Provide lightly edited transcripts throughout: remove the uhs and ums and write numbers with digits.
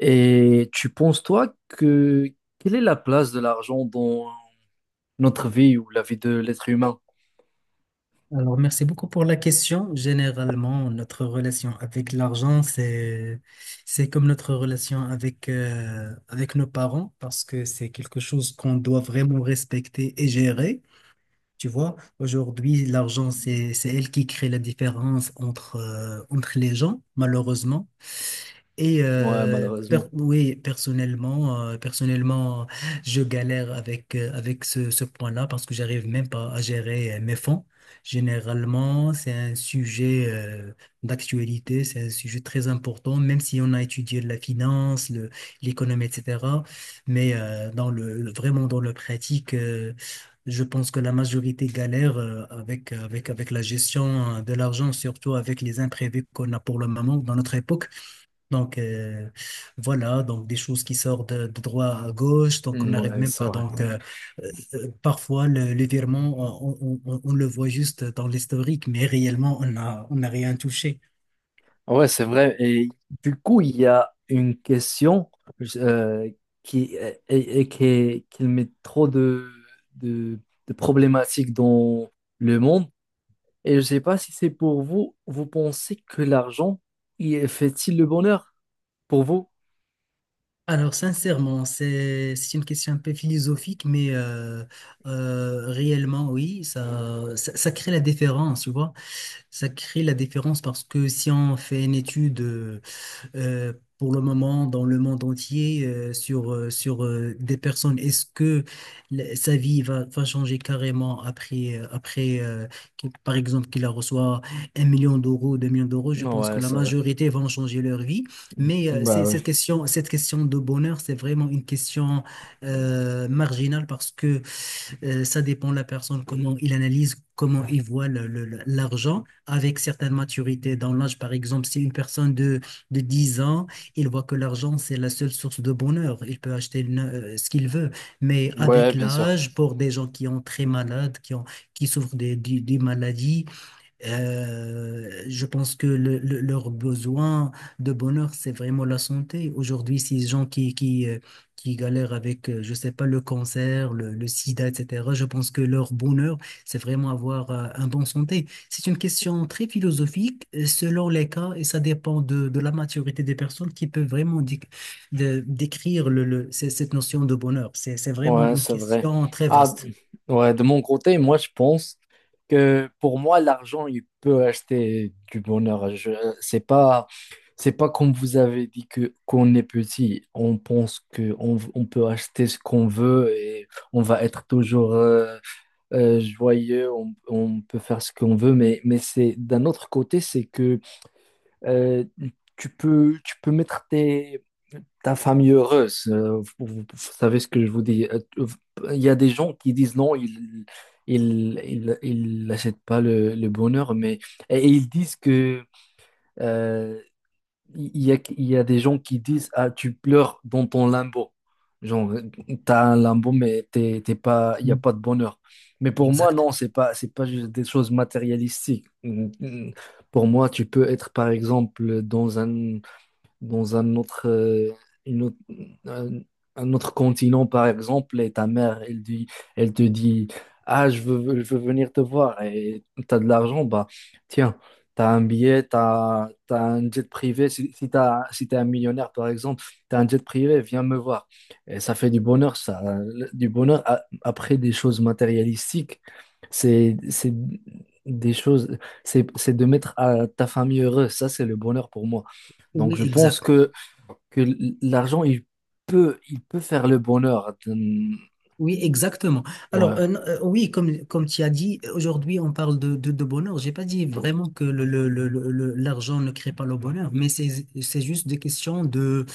Et tu penses, toi, que quelle est la place de l'argent dans notre vie ou la vie de l'être humain? Alors, merci beaucoup pour la question. Généralement, notre relation avec l'argent, c'est comme notre relation avec nos parents parce que c'est quelque chose qu'on doit vraiment respecter et gérer. Tu vois, aujourd'hui, l'argent, c'est elle qui crée la différence entre les gens, malheureusement. Et Ouais, euh, per- malheureusement. oui, personnellement, je galère avec ce point-là parce que j'arrive même pas à gérer mes fonds. Généralement, c'est un sujet d'actualité, c'est un sujet très important, même si on a étudié la finance, l'économie, etc. Mais dans vraiment dans la pratique, je pense que la majorité galère avec la gestion de l'argent, surtout avec les imprévus qu'on a pour le moment dans notre époque. Donc euh, voilà, donc des choses qui sortent de droit à gauche, donc on Mm, n'arrive ouais, même c'est pas. vrai. Parfois le virement, on le voit juste dans l'historique, mais réellement on n'a rien touché. Ouais, c'est vrai. Et du coup, il y a une question euh, qui, et qui met trop de, de problématiques dans le monde. Et je ne sais pas si c'est pour vous, vous pensez que l'argent il fait-il le bonheur pour vous? Alors sincèrement, c'est une question un peu philosophique, mais réellement oui, ça crée la différence, tu vois. Ça crée la différence parce que si on fait une étude pour le moment dans le monde entier sur des personnes. Est-ce que sa vie va changer carrément après par exemple, qu'il la reçoit 1 million d'euros, 2 millions d'euros? Je Non, pense que ouais, la c'est vrai. majorité vont changer leur vie. Mais Bah cette oui. question, cette question de bonheur, c'est vraiment une question marginale parce que ça dépend de la personne, comment il analyse, comment il voit l'argent avec certaines maturités dans l'âge. Par exemple, si une personne de 10 ans, il voit que l'argent, c'est la seule source de bonheur. Il peut acheter ce qu'il veut. Mais Ouais, avec bien sûr. l'âge, pour des gens qui ont très malades, qui souffrent des maladies, je pense que leur besoin de bonheur, c'est vraiment la santé. Aujourd'hui, ces gens qui galèrent avec, je sais pas, le cancer, le sida, etc., je pense que leur bonheur, c'est vraiment avoir un bon santé. C'est une question très philosophique, selon les cas, et ça dépend de la maturité des personnes qui peuvent vraiment décrire cette notion de bonheur. C'est vraiment Ouais, une c'est vrai. question très Ah, vaste. ouais, de mon côté, moi, je pense que pour moi, l'argent, il peut acheter du bonheur. C'est pas, c'est pas comme vous avez dit que qu'on est petit, on pense que on peut acheter ce qu'on veut et on va être toujours joyeux, on peut faire ce qu'on veut. Mais c'est d'un autre côté, c'est que euh, tu peux mettre tes ta famille heureuse. Vous, vous savez ce que je vous dis. Euh, Il y a des gens qui disent non, ils n'achètent pas le, le bonheur, mais et ils disent que euh, il y a des gens qui disent ah tu pleures dans ton limbo. Genre t'as un limbo mais t'es pas, il y a Mm. pas de bonheur. Mais pour moi Exact. non, c'est pas juste des choses matérialistiques. Pour moi, tu peux être par exemple dans un autre, une autre- un, un autre continent, par exemple, et ta mère, elle te dit, ah, je veux venir te voir et tu as de l'argent, bah tiens, tu as un billet, un jet privé. Si t'as si t'es un millionnaire, par exemple, tu as un jet privé, viens me voir. Et ça fait du bonheur, ça. Du bonheur après des choses matérialistiques, c'est des choses, c'est de mettre à ta famille heureuse. Ça, c'est le bonheur pour moi. Donc, Oui, exact. Que l'argent, il peut faire le bonheur. Oui, exactement. Alors, Ouais, euh, euh, oui, comme tu as dit, aujourd'hui, on parle de bonheur. J'ai pas dit vraiment que l'argent ne crée pas le bonheur, mais c'est juste des questions de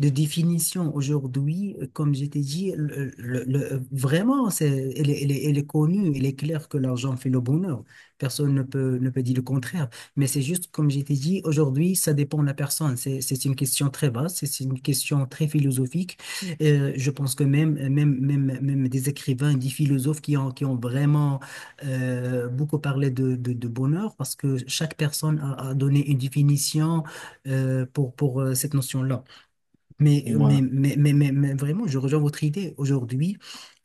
définition aujourd'hui, comme je t'ai dit, vraiment, c'est, elle est, elle est- elle est connue, il est clair que l'argent fait le bonheur. Personne ne peut dire le contraire. Mais c'est juste, comme je t'ai dit, aujourd'hui, ça dépend de la personne. C'est une question très basse, c'est une question très philosophique. Je pense que même des écrivains, des philosophes qui ont vraiment beaucoup parlé de bonheur, parce que chaque personne a donné une définition pour cette notion-là. Mais, mais, ouais. mais, mais, mais, mais vraiment, je rejoins votre idée. Aujourd'hui,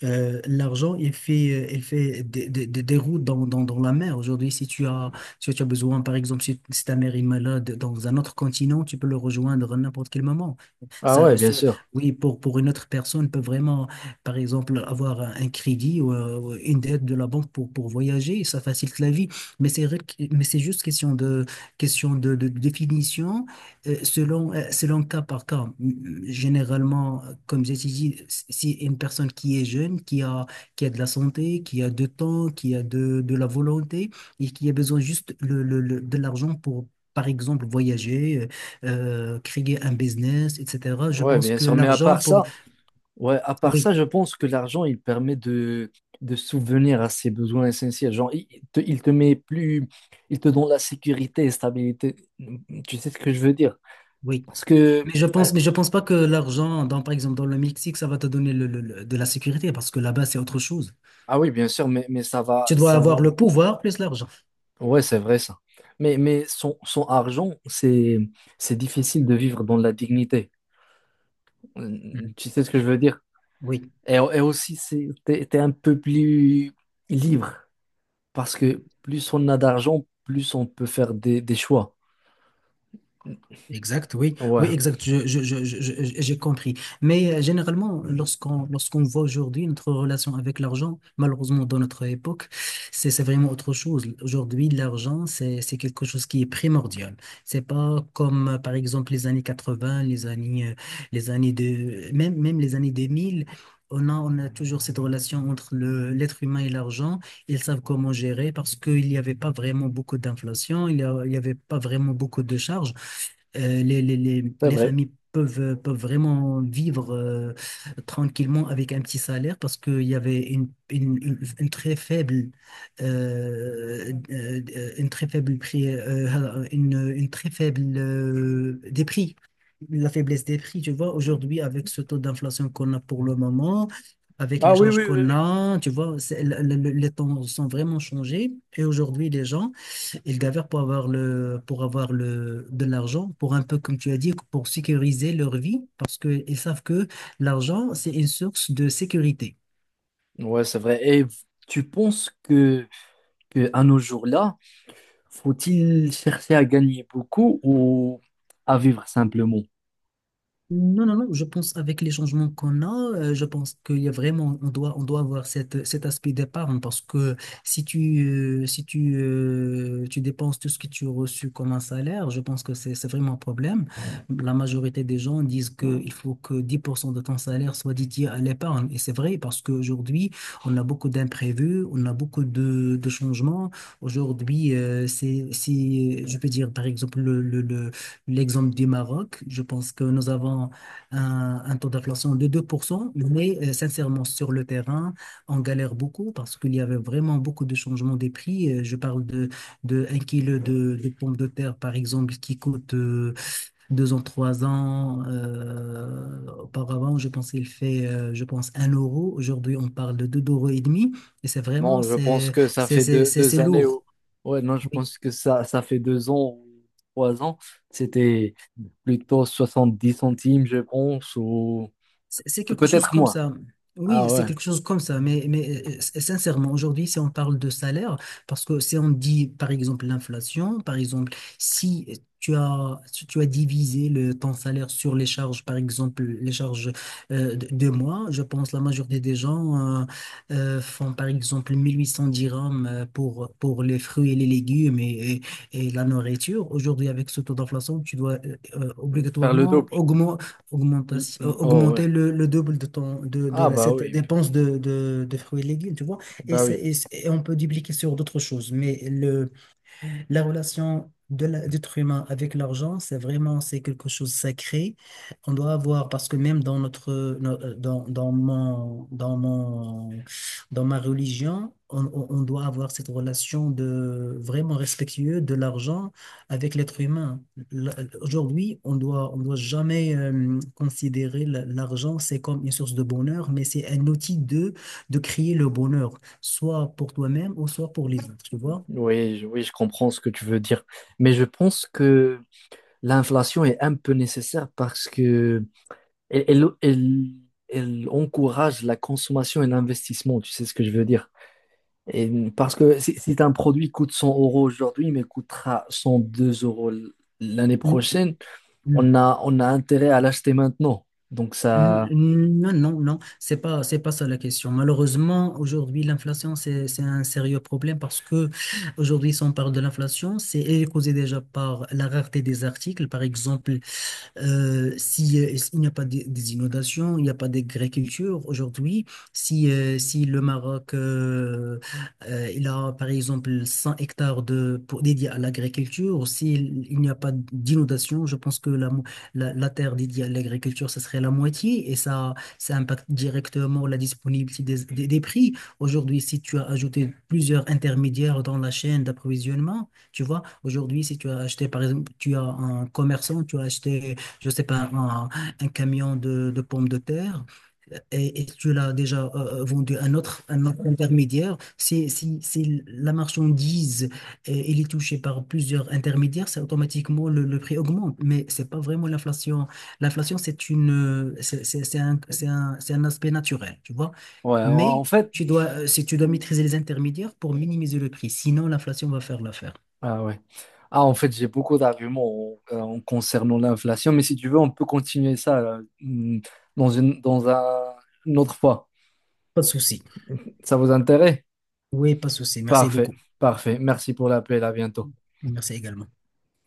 l'argent, il fait des routes dans la mer. Aujourd'hui, si tu as besoin, par exemple, si ta mère est malade dans un autre continent, tu peux le rejoindre à n'importe quel moment. Ah ouais, Ça, bien ce- sûr. oui, pour une autre personne, peut vraiment, par exemple, avoir un crédit ou une dette de la banque pour voyager. Ça facilite la vie. Mais c'est juste question de définition selon cas par cas, généralement, comme j'ai dit, si une personne qui est jeune, qui a de la santé, qui a du temps, qui a de la volonté et qui a besoin juste de l'argent pour, par exemple, voyager, créer un business, etc., je Ouais, pense bien que sûr. Mais à l'argent part pour... ça, ouais, à part ça, Oui, je pense que l'argent, il permet de souvenir à ses besoins essentiels. Genre, il te met plus, il te donne la sécurité et stabilité. Tu sais ce que je veux dire? oui. Parce que, Mais je euh, pense, mais je pense pas que l'argent, dans, par exemple, dans le Mexique, ça va te donner de la sécurité parce que là-bas, c'est autre chose. ah oui, bien sûr, mais ça va, Tu dois ça va. avoir le pouvoir plus l'argent. Ouais, c'est vrai ça. Mais son, son argent, c'est difficile de vivre dans la dignité. Mhm. Tu sais ce que je veux dire? Oui. Et aussi, t'es un peu plus libre parce que plus on a d'argent, plus on peut faire des choix. Exact, oui, Ouais, oui, exact, j'ai compris. Mais généralement, lorsqu'on voit aujourd'hui notre relation avec l'argent, malheureusement dans notre époque, c'est vraiment autre chose. Aujourd'hui, l'argent, c'est quelque chose qui est primordial. C'est pas comme par exemple les années 80, les années de même même les années 2000. On a toujours cette relation entre l'être humain et l'argent. Ils savent comment gérer parce qu'il n'y avait pas vraiment beaucoup d'inflation, il y avait pas vraiment beaucoup de charges les, les, les, c'est les vrai. familles peuvent vraiment vivre tranquillement avec un petit salaire parce qu'il y avait une très faible, euh, euh, une très faible prix, une très faible des prix. La faiblesse des prix, tu vois, aujourd'hui, avec ce taux d'inflation qu'on a pour le moment, avec les Ah oui, charges oui, qu'on oui, a, tu vois, les temps sont vraiment changés. Et aujourd'hui, les gens ils galèrent de l'argent, pour un peu, comme tu as dit, pour sécuriser leur vie, parce qu'ils savent que l'argent, c'est une source de sécurité. oui. Ouais, c'est vrai. Et tu penses que à nos jours-là, faut-il chercher à gagner beaucoup ou à vivre simplement? Non, non, non, je pense avec les changements qu'on a, je pense qu'il y a vraiment, on doit avoir cet aspect d'épargne parce que si tu, si tu, tu dépenses tout ce que tu as reçu comme un salaire, je pense que c'est vraiment un problème. La majorité des gens disent qu'il faut que 10% de ton salaire soit dédié à l'épargne. Et c'est vrai parce qu'aujourd'hui, on a beaucoup d'imprévus, on a beaucoup de changements. Aujourd'hui, si, je peux dire, par exemple, le L'exemple du Maroc, je pense que nous avons un taux d'inflation de 2%, mais sincèrement, sur le terrain, on galère beaucoup parce qu'il y avait vraiment beaucoup de changements des prix. Je parle de, 1 kilo de pommes de terre, par exemple, qui coûte 2 ans, 3 ans. Auparavant, je pense qu'il fait, je pense, 1 euro. Aujourd'hui, on parle de 2 euros et demi. Et c'est vraiment, Non, je pense que ça fait deux, deux c'est années lourd. ou... Ouais, non, je Oui. pense que ça fait deux ans ou trois ans. C'était plutôt 70 centimes, je pense, ou C'est quelque chose peut-être comme moins. ça. Oui, Ah c'est ouais, quelque chose comme ça, mais sincèrement, aujourd'hui, si on parle de salaire, parce que si on dit, par exemple, l'inflation, par exemple, si tu as divisé ton salaire sur les charges, par exemple, les charges de mois, je pense la majorité des gens font, par exemple, 1 800 dirhams pour les fruits et les légumes et la nourriture. Aujourd'hui, avec ce taux d'inflation, tu dois faire le obligatoirement double. L- Oh ouais. augmenter le double de, ton, de Ah la, bah cette oui, dépense de fruits et légumes, tu vois. Et, bah oui. c'est- et, c'est- et on peut dupliquer sur d'autres choses. Mais le la relation d'être humain avec l'argent, c'est quelque chose de sacré. On doit avoir parce que même dans notre no- euh, dans, dans mon dans mon dans ma religion, on doit avoir cette relation de vraiment respectueux de l'argent avec l'être humain. Aujourd'hui, on doit jamais considérer l'argent c'est comme une source de bonheur, mais c'est un outil de créer le bonheur, soit pour toi-même ou soit pour les autres, tu vois. Oui, je comprends ce que tu veux dire. Mais je pense que l'inflation est un peu nécessaire parce que elle elle encourage la consommation et l'investissement, tu sais ce que je veux dire. Et parce que si, si un produit coûte 100 euros aujourd'hui, mais coûtera 102 euros l'année Mm. prochaine, Mm. On a intérêt à l'acheter maintenant. Donc N- ça, Non, non, non, c'est pas ça la question. Malheureusement, aujourd'hui, l'inflation, c'est un sérieux problème parce que aujourd'hui, si on parle de l'inflation, c'est elle est causée déjà par la rareté des articles. Par exemple, si, s'il n'y a pas des inondations, il n'y a pas d'agriculture aujourd'hui, si le Maroc il a par exemple 100 hectares dédiés à l'agriculture, s'il il n'y a pas d'inondation, je pense que la terre dédiée à l'agriculture, ça serait la moitié et ça impacte directement la disponibilité des prix. Aujourd'hui, si tu as ajouté plusieurs intermédiaires dans la chaîne d'approvisionnement, tu vois, aujourd'hui, si tu as acheté, par exemple, tu as un commerçant, tu as acheté je sais pas, un camion de pommes de terre et tu l'as déjà vendu à un autre intermédiaire, si la marchandise elle est touchée par plusieurs intermédiaires, c'est automatiquement le prix augmente. Mais c'est pas vraiment l'inflation. L'inflation, c'est une, c'est un, c'est un, c'est un aspect naturel, tu vois. ouais, Mais en fait, si tu dois maîtriser les intermédiaires pour minimiser le prix, sinon l'inflation va faire l'affaire. ah ouais. Ah, en fait, j'ai beaucoup d'arguments en, concernant l'inflation, mais si tu veux, on peut continuer ça là, mm, dans une, dans un, une autre fois. Pas de souci. Ça vous intéresse? Oui, pas de souci. Merci Parfait, beaucoup. parfait. Merci pour l'appel, à bientôt. Merci également.